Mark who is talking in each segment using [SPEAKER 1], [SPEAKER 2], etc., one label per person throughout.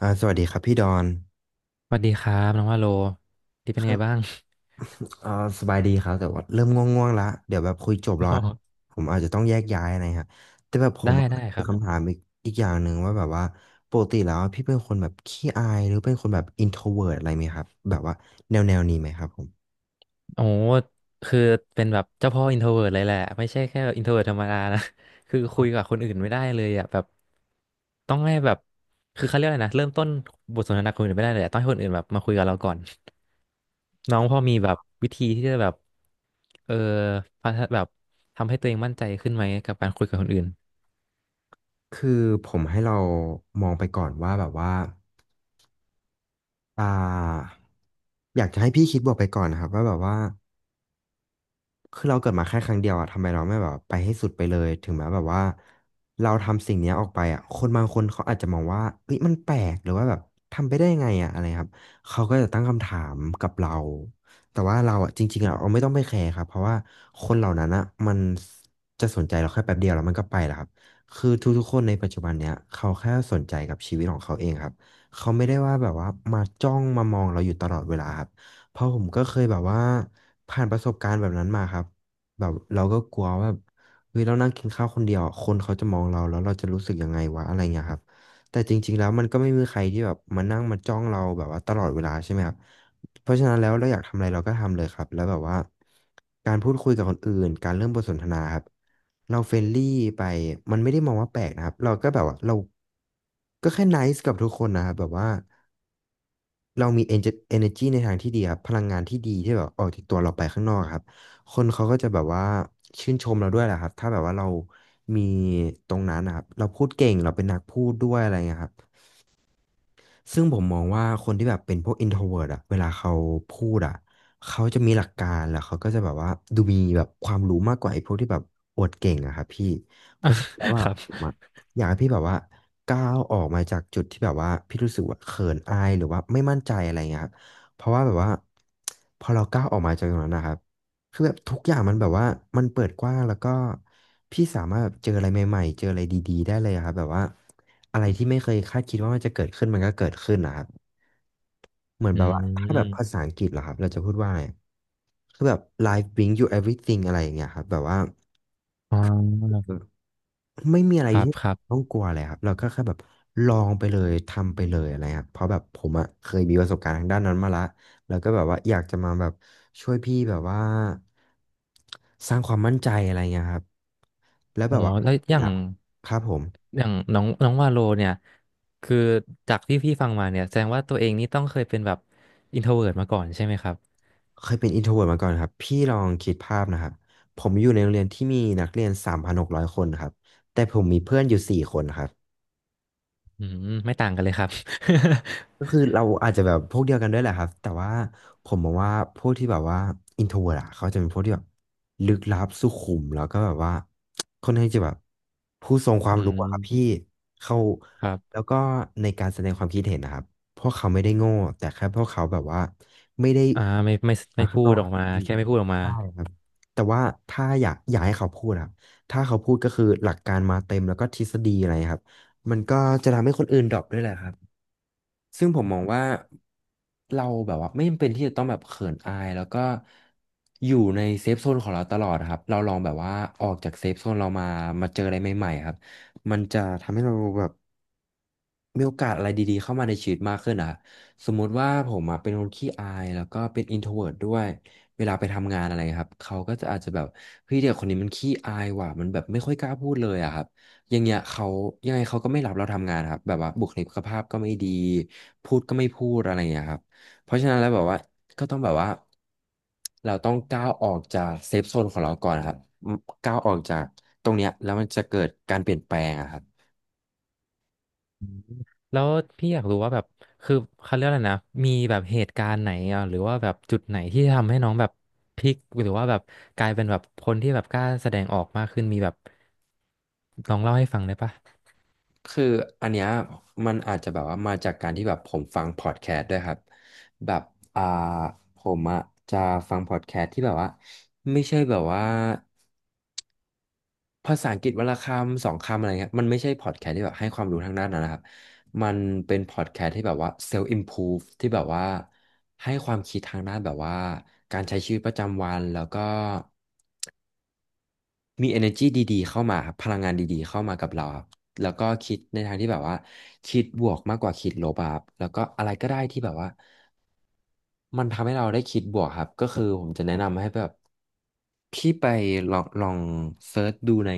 [SPEAKER 1] สวัสดีครับพี่ดอน
[SPEAKER 2] สวัสดีครับน้องว่าโลที่เป็น
[SPEAKER 1] ค
[SPEAKER 2] ไง
[SPEAKER 1] รั
[SPEAKER 2] บ้า
[SPEAKER 1] บ
[SPEAKER 2] ง
[SPEAKER 1] อ่าสบายดีครับแต่ว่าเริ่มง่วงๆละเดี๋ยวแบบคุยจบ
[SPEAKER 2] อ๋อ
[SPEAKER 1] แล้วอะผมอาจจะต้องแยกย้ายอะไรฮะแต่แบบผ
[SPEAKER 2] ได้
[SPEAKER 1] ม
[SPEAKER 2] ได้ค
[SPEAKER 1] มี
[SPEAKER 2] รั
[SPEAKER 1] คำ
[SPEAKER 2] บ
[SPEAKER 1] ถามอีกอีกอย่างหนึ่งว่าแบบว่าปกติแล้วพี่เป็นคนแบบขี้อายหรือเป็นคนแบบอินโทรเวิร์อะไรไหมครับแบบว่าแนวนี้ไหมครับผม
[SPEAKER 2] โอ้คือเป็นแบบเจ้าพ่ออินโทรเวิร์เลยแหละไม่ใช่แค่อินโทรเวิร์ธรรมดานะ คือคุยกับคนอื่นไม่ได้เลยอ่ะแบบต้องให้แบบคือเขาเรียกอะไรนะเริ่มต้นบทสนทนากับคนอื่นไม่ได้เลยอะต้องให้คนอื่นแบบมาคุยกับเราก่อน น้องพอมีแบบวิธีที่จะแบบเออพัฒนาแบบทำให้ตัวเองมั่นใจขึ้นไหมกับการคุยกับคนอื่น
[SPEAKER 1] คือผมให้เรามองไปก่อนว่าแบบว่าอ่าอยากจะให้พี่คิดบวกไปก่อนนะครับว่าแบบว่า คือเราเกิดมาแค่ครั้งเดียวอะทำไมเราไม่แบบไปให้สุดไปเลยถึงแม้แบบว่าเราทำสิ่งเนี้ยออกไปอะคนบางคนเขาอาจจะมองว่าเอ้ยมันแปลกหรือว่าแบบทำไปได้ยังไงอะอะไรครับเขาก็จะตั้งคำถามกับเราแต่ว่าเราอะจริงๆเราไม่ต้องไปแคร์ครับเพราะว่าคนเหล่านั้นอะมันจะสนใจเราแค่แป๊บเดียวแล้วมันก็ไปแล้วครับคือทุกๆคนในปัจจุบันเนี้ยเขาแค่สนใจกับชีวิตของเขาเองครับเขาไม่ได้ว่าแบบว่ามาจ้องมามองเราอยู่ตลอดเวลาครับ เพราะผมก็เคยแบบว่าผ่านประสบการณ์แบบนั้นมาครับแบบเราก็กลัวว่าแบบเฮ้ยเรานั่งกินข้าวคนเดียวคนเขาจะมองเราแล้วเราจะรู้สึกยังไงวะอะไรเงี้ยครับแต่จริงๆแล้วมันก็ไม่มีใครที่แบบมานั่งมาจ้องเราแบบว่าตลอดเวลาใช่ไหมครับเพราะฉะนั้นแล้วเราอยากทำอะไรเราก็ทำเลยครับแล้วแบบว่าการพูดคุยกับคนอื่นการเริ่มบทสนทนาครับเราเฟรนลี่ไปมันไม่ได้มองว่าแปลกนะครับเราก็แบบว่าเราก็แค่ไนซ์กับทุกคนนะครับแบบว่า เรามี energy ในทางที่ดีครับพลังงานที่ดีที่แบบออกจากตัวเราไปข้างนอกครับคนเขาก็จะแบบว่าชื่นชมเราด้วยแหละครับถ้าแบบว่าเรามีตรงนั้นนะครับเราพูดเก่งเราเป็นนักพูดด้วยอะไรเงี้ยครับ ซึ่งผมมองว่าคนที่แบบเป็นพวก introvert อะเวลาเขาพูดอะเขาจะมีหลักการแล้วเขาก็จะแบบว่าดูมีแบบความรู้มากกว่าไอ้พวกที่แบบอวดเก่งอะครับพี่เพราะฉะนั้นแล้วว่า
[SPEAKER 2] ครับ
[SPEAKER 1] ผมอะอยากให้พี่แบบว่าก้าวออกมาจากจุดที่แบบว่าพี่รู้สึกว่าเขินอายหรือว่าไม่มั่นใจอะไรเงี้ยครับเพราะว่าแบบว่าพอเราก้าวออกมาจากตรงนั้นนะครับคือแบบทุกอย่างมันแบบว่ามันเปิดกว้างแล้วก็พี่สามารถแบบเจออะไรใหม่ๆเจออะไรดีๆได้เลยอะครับแบบว่า อะไรที่ไม่เคยคาดคิดว่ามันจะเกิดขึ้นมันก็เกิดขึ้นนะครับเหมือน
[SPEAKER 2] อื
[SPEAKER 1] แบบว่าถ้าแบบภา
[SPEAKER 2] ม
[SPEAKER 1] ษาอังกฤษเหรอครับเราจะพูดว่าอะไรคือแบบ life bring you everything อะไรอย่างเงี้ยครับแบบว่า
[SPEAKER 2] อ๋อ
[SPEAKER 1] ไม่มีอะไร
[SPEAKER 2] ครับ
[SPEAKER 1] ที่
[SPEAKER 2] ครั
[SPEAKER 1] ต้
[SPEAKER 2] บ
[SPEAKER 1] องกลัวเลยครับเราก็แค่แบบลองไปเลยทำไปเลยอะไรครับเพราะแบบผมอะเคยมีประสบการณ์ทางด้านนั้นมาละแล้วก็แบบว่าอยากจะมาแบบช่วยพี่แบบว่าสร้างความมั่นใจอะไรเงี้ยครับแล้ว
[SPEAKER 2] อ๋
[SPEAKER 1] แบ
[SPEAKER 2] อ
[SPEAKER 1] บว่า
[SPEAKER 2] แล้วอย่าง
[SPEAKER 1] ครับผม
[SPEAKER 2] อย่างน้องน้องวาโลเนี่ยคือจากที่พี่ฟังมาเนี่ยแสดงว่าตัวเองนี่ต้องเคยเป็นแบบอินโทรเวิร์ตมาก่อนใช่ไหมครับ
[SPEAKER 1] เคยเป็นอินโทรเวิร์ตมาก่อนครับพี่ลองคิดภาพนะครับผมอยู่ในโรงเรียนที่มีนักเรียน3,600คนครับแต่ผมมีเพื่อนอยู่สี่คนครับ
[SPEAKER 2] อืมไม่ต่างกันเลยครับ
[SPEAKER 1] ก็คือเราอาจจะแบบพวกเดียวกันด้วยแหละครับแต่ว่าผมมองว่าพวกที่แบบว่าอินโทรเวิร์ตอะเขาจะเป็นพวกที่แบบลึกลับสุขุมแล้วก็แบบว่าค่อนข้างจะแบบผู้ทรงค วา
[SPEAKER 2] อื
[SPEAKER 1] มรู้
[SPEAKER 2] ม
[SPEAKER 1] อะครับพี่เขา
[SPEAKER 2] ครั
[SPEAKER 1] แล้ว
[SPEAKER 2] บ
[SPEAKER 1] ก็ในการแสดงความคิดเห็นนะครับพวกเขาไม่ได้โง่แต่แค่พวกเขาแบบว่าไม่ได้
[SPEAKER 2] อ่าไม่
[SPEAKER 1] มา
[SPEAKER 2] ไม่
[SPEAKER 1] ข้าง
[SPEAKER 2] พู
[SPEAKER 1] นอ
[SPEAKER 2] ด
[SPEAKER 1] ก
[SPEAKER 2] อ
[SPEAKER 1] ค
[SPEAKER 2] อก
[SPEAKER 1] รับ
[SPEAKER 2] มา
[SPEAKER 1] พี่
[SPEAKER 2] แค่ไม่พูดออกมา
[SPEAKER 1] ใช่ครับแต่ว่าถ้าอยากอยากให้เขาพูดครับถ้าเขาพูดก็คือหลักการมาเต็มแล้วก็ทฤษฎีอะไรครับมันก็จะทำให้คนอื่นดรอปด้วยแหละครับซึ่งผมมองว่าเราแบบว่าไม่จำเป็นที่จะต้องแบบเขินอายแล้วก็อยู่ในเซฟโซนของเราตลอดครับเราลองแบบว่าออกจากเซฟโซนเรามามาเจออะไรใหม่ๆครับมันจะทำให้เราแบบ มีโอกาสอะไรดีๆเข้ามาในชีวิตมากขึ้นอะสมมุติว่าผมอะเป็นคนขี้อายแล้วก็เป็น introvert ด้วยเวลาไปทำงานอะไรครับเขาก็จะอาจจะแบบเฮ้ยเด็กคนนี้มันขี้อายว่ะมันแบบไม่ค่อยกล้าพูดเลยอะครับอย่างเงี้ยเขายังไงเขาก็ไม่รับเราทำงานครับแบบว่าบุคลิกภาพก็ไม่ดีพูดก็ไม่พูดอะไรอย่างเงี้ยครับเพราะฉะนั้นแล้วแบบว่าก็ต้องแบบว่าเราต้องก้าวออกจากเซฟโซนของเราก่อนครับก้าวออกจากตรงเนี้ยแล้วมันจะเกิดการเปลี่ยนแปลงอะครับ
[SPEAKER 2] อืมแล้วพี่อยากรู้ว่าแบบคือเขาเรียกอะไรนะมีแบบเหตุการณ์ไหนอ่ะหรือว่าแบบจุดไหนที่ทำให้น้องแบบพลิกหรือว่าแบบกลายเป็นแบบคนที่แบบกล้าแสดงออกมากขึ้นมีแบบลองเล่าให้ฟังได้ปะ
[SPEAKER 1] คืออันเนี้ยมันอาจจะแบบว่ามาจากการที่แบบผมฟังพอดแคสต์ด้วยครับแบบอ่าผมอะจะฟังพอดแคสต์ที่แบบว่าไม่ใช่แบบว่าภาษาอังกฤษวันละคำสองคำอะไรเงี้ยมันไม่ใช่พอดแคสต์ที่แบบให้ความรู้ทางด้านนั้นนะครับมันเป็นพอดแคสต์ที่แบบว่าเซลฟ์อิมพูฟที่แบบว่าให้ความคิดทางด้านแบบว่าการใช้ชีวิตประจำวันแล้วก็ มี energy ดีๆ เข้ามาครับพลังงานดีๆ เข้ามากับเราครับแล้วก็คิดในทางที่แบบว่าคิดบวกมากกว่าคิดลบอะครับแล้วก็อะไรก็ได้ที่แบบว่ามันทำให้เราได้คิดบวกครับก็คือผมจะแนะนำให้แบบพี่ไปลองเซิร์ชดูใน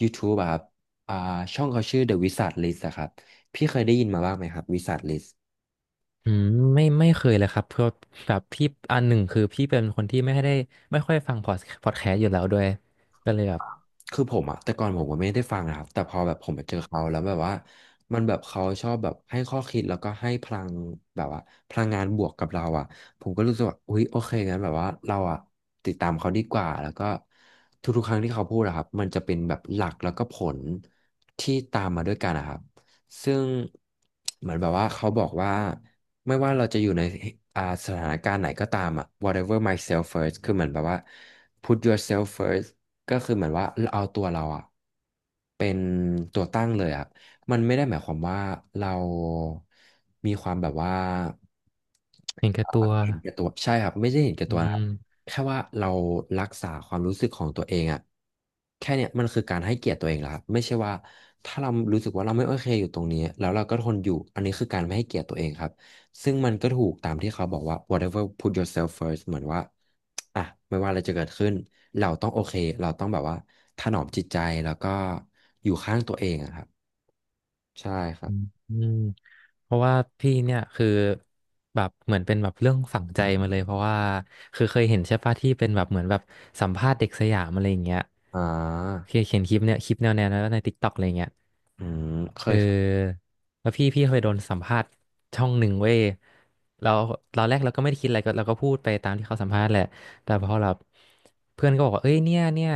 [SPEAKER 1] YouTube อะครับอ่าช่องเขาชื่อ The Wizard List อะครับพี่เคยได้ยินมาบ้างไหมครับ Wizard List
[SPEAKER 2] อืมไม่เคยเลยครับเพราะแบบพี่อันหนึ่งคือพี่เป็นคนที่ไม่ได้ไม่ค่อยฟังพอดแคสต์อยู่แล้วด้วยก็เลยแบบ
[SPEAKER 1] คือผมอะแต่ก่อนผมก็ไม่ได้ฟังนะครับแต่พอแบบผมไปเจอเขาแล้วแบบว่ามันแบบเขาชอบแบบให้ข้อคิดแล้วก็ให้พลังแบบว่าพลังงานบวกกับเราอะผมก็รู้สึกว่าอุ๊ยโอเคงั้นแบบว่าเราอะติดตามเขาดีกว่าแล้วก็ทุกๆครั้งที่เขาพูดอะครับมันจะเป็นแบบหลักแล้วก็ผลที่ตามมาด้วยกันนะครับซึ่งเหมือนแบบว่าเขาบอกว่าไม่ว่าเราจะอยู่ในอ่าสถานการณ์ไหนก็ตามอะ whatever myself first คือเหมือนแบบว่า put yourself first ก็คือเหมือนว่าเราเอาตัวเราอะเป็นตัวตั้งเลยอะมันไม่ได้หมายความว่าเรามีความแบบว่า
[SPEAKER 2] เห็นแก่ตัว
[SPEAKER 1] เห็นแก่ตัวใช่ครับไม่ใช่เห็นแก่
[SPEAKER 2] อื
[SPEAKER 1] ตัวนะครั
[SPEAKER 2] ม
[SPEAKER 1] บแค่ว่าเรารักษาความรู้สึกของตัวเองอะแค่เนี้ยมันคือการให้เกียรติตัวเองแล้วครับไม่ใช่ว่าถ้าเรารู้สึกว่าเราไม่โอเคอยู่ตรงนี้แล้วเราก็ทนอยู่อันนี้คือการไม่ให้เกียรติตัวเองครับ ซึ่งมันก็ถูกตามที่เขาบอกว่า whatever put yourself first เหมือนว่าอ่ะไม่ว่าอะไรจะเกิดขึ้นเราต้องโอเคเราต้องแบบว่าถนอมจิตใจแล้วก็อยู่ข้างตัวเองอะครับใช่ครั
[SPEAKER 2] อื
[SPEAKER 1] บ
[SPEAKER 2] มอืมเพราะว่าพี่เนี่ยคือแบบเหมือนเป็นแบบเรื่องฝังใจมาเลยเพราะว่าคือเคยเห็นใช่ปะที่เป็นแบบเหมือนแบบสัมภาษณ์เด็กสยามอะไรอย่างเงี้ย
[SPEAKER 1] อ่า
[SPEAKER 2] เคยเห็นคลิปเนี่ยคลิปแนวนั้นในติ๊กต็อกอะไรอย่างเงี้ย
[SPEAKER 1] อืมเค
[SPEAKER 2] เ
[SPEAKER 1] ย
[SPEAKER 2] ออแล้วพี่เคยโดนสัมภาษณ์ช่องหนึ่งเว้ยเราตอนแรกเราก็ไม่ได้คิดอะไรก็เราก็พูดไปตามที่เขาสัมภาษณ์แหละแต่พอเราเพื่อนก็บอกว่าเอ้ยเนี่ย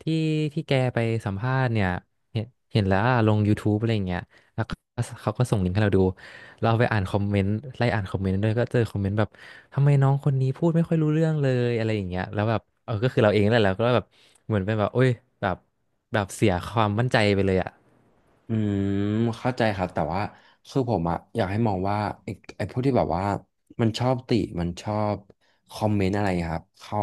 [SPEAKER 2] ที่แกไปสัมภาษณ์เนี่ยเห็นเห็นแล้วอะลง YouTube อะไรอย่างเงี้ยแล้วก็เขาก็ส่งลิงก์ให้เราดูเราไปอ่านคอมเมนต์ไล่อ่านคอมเมนต์ด้วยก็เจอคอมเมนต์แบบทำไมน้องคนนี้พูดไม่ค่อยรู้เรื่องเลยอะไรอย่างเงี้ยแล้วแบบเออก็คือเราเองแหละเราก็แบบเหมือนเป็นแบบโอ้ยแบบแบบเสียความมั่นใจไปเลยอ่ะ
[SPEAKER 1] อืมเข้าใจครับแต่ว่าคือผมอะอยากให้มองว่าไอ้ไอ้พวกที่แบบว่ามันชอบติมันชอบคอมเมนต์อะไรครับเขา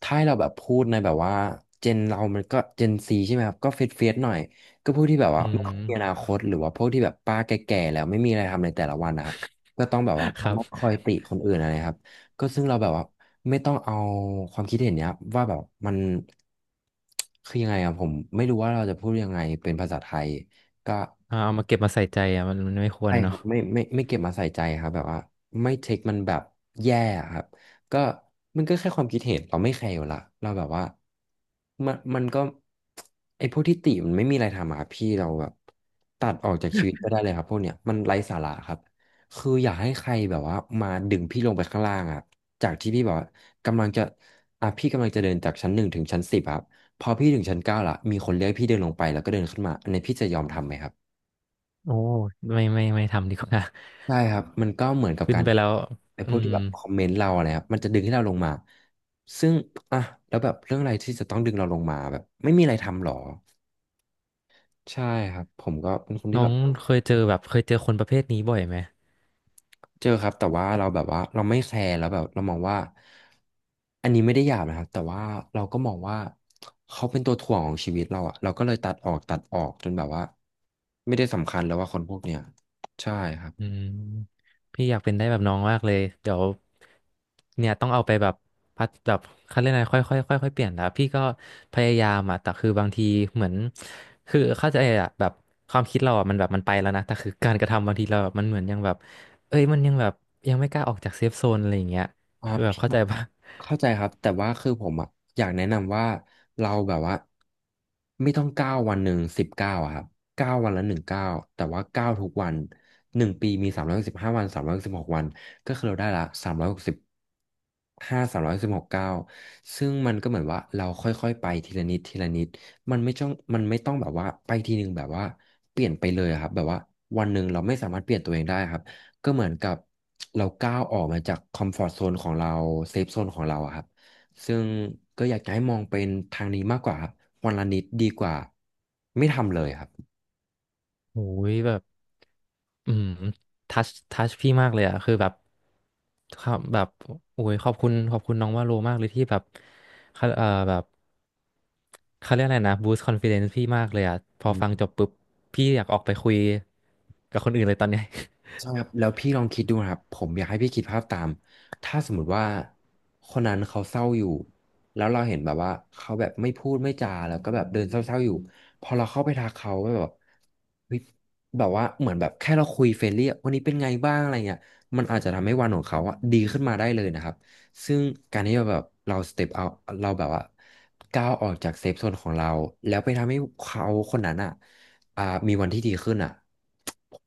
[SPEAKER 1] ถ้าให้เราแบบพูดในแบบว่าเจนเรามันก็เจนซีใช่ไหมครับก็เฟดหน่อยก็พวกที่แบบ
[SPEAKER 2] อื
[SPEAKER 1] ว่าไม่ค่อ
[SPEAKER 2] ม
[SPEAKER 1] ยมีอนาคตหรือว่าพวกที่แบบป้าแก่ๆแล้วไม่มีอะไรทำในแต่ละวันนะครับก็ต้องแบบว่า
[SPEAKER 2] ครั บ
[SPEAKER 1] มาคอยติคนอื่นอะไรครับ ก็ซึ่งเราแบบว่าไม่ต้องเอาความคิดเห็นเนี้ยว่าแบบมันคือยังไงอะผมไม่รู้ว่าเราจะพูดยังไงเป็นภาษาไทยก็
[SPEAKER 2] เอามาเก็บมาใส่ใจอ่ะมันไม่คว
[SPEAKER 1] ใช่
[SPEAKER 2] ร
[SPEAKER 1] ค
[SPEAKER 2] เนาะ
[SPEAKER 1] รับไม่ไม่เก็บมาใส่ใจครับแบบว่าไม่เทคมันแบบแย่อะครับก็มันก็แค่ความคิดเห็นเราไม่แคร์อยู่ละเราแบบว่ามันก็ไอ้พวกที่ติมันไม่มีอะไรทำอะครับพี่เราแบบตัดออกจากชีวิตไปได้เลยครับพวกเนี้ยมันไร้สาระครับคืออยากให้ใครแบบว่ามาดึงพี่ลงไปข้างล่างอะจากที่พี่แบบว่ากำลังจะอ่ะพี่กำลังจะเดินจากชั้นหนึ่งถึงชั้นสิบครับพอพี่ถึงชั้นเก้าละมีคนเรียกให้พี่เดินลงไปแล้วก็เดินขึ้นมาอันนี้พี่จะยอมทำไหมครับ
[SPEAKER 2] โอ้ไม่ไม่ทำดีกว่า
[SPEAKER 1] ใช่ครับมันก็เหมือน กับ
[SPEAKER 2] ขึ้น
[SPEAKER 1] การ
[SPEAKER 2] ไปแล้ว
[SPEAKER 1] ไอ้
[SPEAKER 2] อื
[SPEAKER 1] พวก
[SPEAKER 2] ม
[SPEAKER 1] ที่แบบคอมเมนต์เราอะไรครับมันจะดึงให้เราลงมาซึ่งอ่ะแล้วแบบเรื่องอะไรที่จะต้องดึงเราลงมาแบบไม่มีอะไรทำหรอใช่ครับผมก็เป็นคนที่
[SPEAKER 2] น้อ
[SPEAKER 1] แบ
[SPEAKER 2] ง
[SPEAKER 1] บ
[SPEAKER 2] เคยเจอแบบเคยเจอคนประเภทนี้บ่อยไหม
[SPEAKER 1] เจอครับแต่ว่าเราแบบว่าเราไม่แคร์แล้วแบบเรามองว่าอันนี้ไม่ได้หยาบนะครับแต่ว่าเราก็มองว่าเขาเป็นตัวถ่วงของชีวิตเราอะเราก็เลยตัดออกจนแบบว่าไม่ได้สำคัญแล้วว่าคนพวกเนี้ยใช่ครับ
[SPEAKER 2] อืมพี่อยากเป็นได้แบบน้องมากเลยเดี๋ยวเนี่ยต้องเอาไปแบบพัดแบบเขาเรียกอะไรค่อยค่อยค่อยค่อยๆเปลี่ยนนะพี่ก็พยายามอ่ะแต่คือบางทีเหมือนคือเข้าใจอ่ะแบบความคิดเราอ่ะมันแบบมันไปแล้วนะแต่คือการกระทำบางทีเราแบบมันเหมือนยังแบบเอ้ยมันยังแบบยังไม่กล้าออกจากเซฟโซนอะไรอย่างเงี้ย
[SPEAKER 1] อ่า
[SPEAKER 2] คือแบบเข้าใจปะ
[SPEAKER 1] เข้าใจครับแต่ว่าคือผมอ่ะอยากแนะนำว่าเราแบบว่าไม่ต้องเก้าวันหนึ่งสิบเก้าอะครับเก้าวันละหนึ่งเก้าแต่ว่าเก้าทุกวันหนึ่งปีมี315 วัน316 วันก็คือเราได้ละ365สามร้อยสิบหกเก้าซึ่งมันก็เหมือนว่าเราค่อยๆไปทีละนิดทีละนิดมันไม่ต้องมันไม่ต้องแบบว่าไปทีหนึ่งแบบว่าเปลี่ยนไปเลยอะครับแบบว่าวันหนึ่งเราไม่สามารถเปลี่ยนตัวเองได้ครับ ก็เหมือนกับเราก้าวออกมาจากคอมฟอร์ z โซนของเราเซฟโซนของเราอะครับซึ่งก็อยากจะให้มองเป็นทางนี้มากกว่าครับวันละนิดดีกว่าไม่ทำเลยครับ
[SPEAKER 2] โอ้ยแบบอืมทัชพี่มากเลยอะคือแบบครับแบบโอ้ยขอบคุณขอบคุณน้องว่าโลมากเลยที่แบบเขาแบบเขาเรียกอะไรนะบูสต์คอนฟิเดนซ์พี่มากเลยอะพอฟังจบปุ๊บพี่อยากออกไปคุยกับคนอื่นเลยตอนเนี้ย
[SPEAKER 1] ใช่ครับแล้วพี่ลองคิดดูนะครับผมอยากให้พี่คิดภาพตามถ้าสมมติว่าคนนั้นเขาเศร้าอยู่แล้วเราเห็นแบบว่าเขาแบบไม่พูดไม่จาแล้วก็แบบเดินเศร้าๆอยู่พอเราเข้าไปทักเขาแบบเฮ้ยแบบว่าเหมือนแบบแค่เราคุยเฟรนลี่อะวันนี้เป็นไงบ้างอะไรเงี้ยมันอาจจะทำให้วันของเขาอะดีขึ้นมาได้เลยนะครับซึ่งการที่เราแบบเราสเต็ปเอาเราแบบว่าก้าวออกจากเซฟโซนของเราแล้วไปทำให้เขาคนนั้นอะ อ่ามีวันที่ดีขึ้นอ่ะ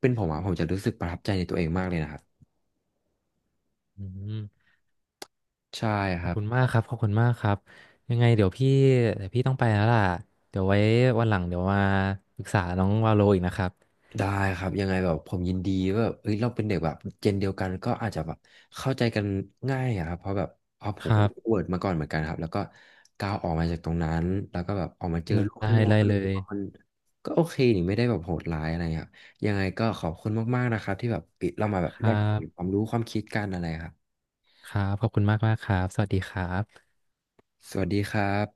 [SPEAKER 1] เป็นผมอ่ะผมจะรู้สึกประทับใจในตัวเองมากเลยนะครับ
[SPEAKER 2] อืม
[SPEAKER 1] ใช่ค
[SPEAKER 2] ขอบ
[SPEAKER 1] รับ
[SPEAKER 2] คุณมากครับขอบคุณมากครับยังไงเดี๋ยวพี่ต้องไปแล้วล่ะเดี๋ยวไว้วันหลังเดี๋ยวมาปรึกษาน้องวาโลอีกนะครับ
[SPEAKER 1] ได้ครับยังไงแบบผมยินดีว่าแบบเฮ้ยเราเป็นเด็กแบบเจนเดียวกันก็อาจจะแบบเข้าใจกันง่ายอะครับเพราะผ
[SPEAKER 2] ค
[SPEAKER 1] ม
[SPEAKER 2] รั
[SPEAKER 1] ก็
[SPEAKER 2] บ
[SPEAKER 1] เวิร์ดมาก่อนเหมือนกันครับแล้วก็ก้าวออกมาจากตรงนั้นแล้วก็แบบออกมาเจอโลูก
[SPEAKER 2] ได้
[SPEAKER 1] ข้างนอก
[SPEAKER 2] เลย
[SPEAKER 1] ก็
[SPEAKER 2] เล
[SPEAKER 1] รู้สึก
[SPEAKER 2] ย
[SPEAKER 1] ว่ามันก็โอเคนี่ไม่ได้แบบโหดร้ายอะไรครับยังไงก็ขอบคุณมากๆนะครับที่แบบเรามาแบบ
[SPEAKER 2] ค
[SPEAKER 1] แล
[SPEAKER 2] รั
[SPEAKER 1] กเปลี่ยนควา
[SPEAKER 2] บ
[SPEAKER 1] มรู้ความคิดกันอะไรครับ
[SPEAKER 2] ครับ ขอบคุณมากมากครับ สวัสดีครับ
[SPEAKER 1] สวัสดีครับ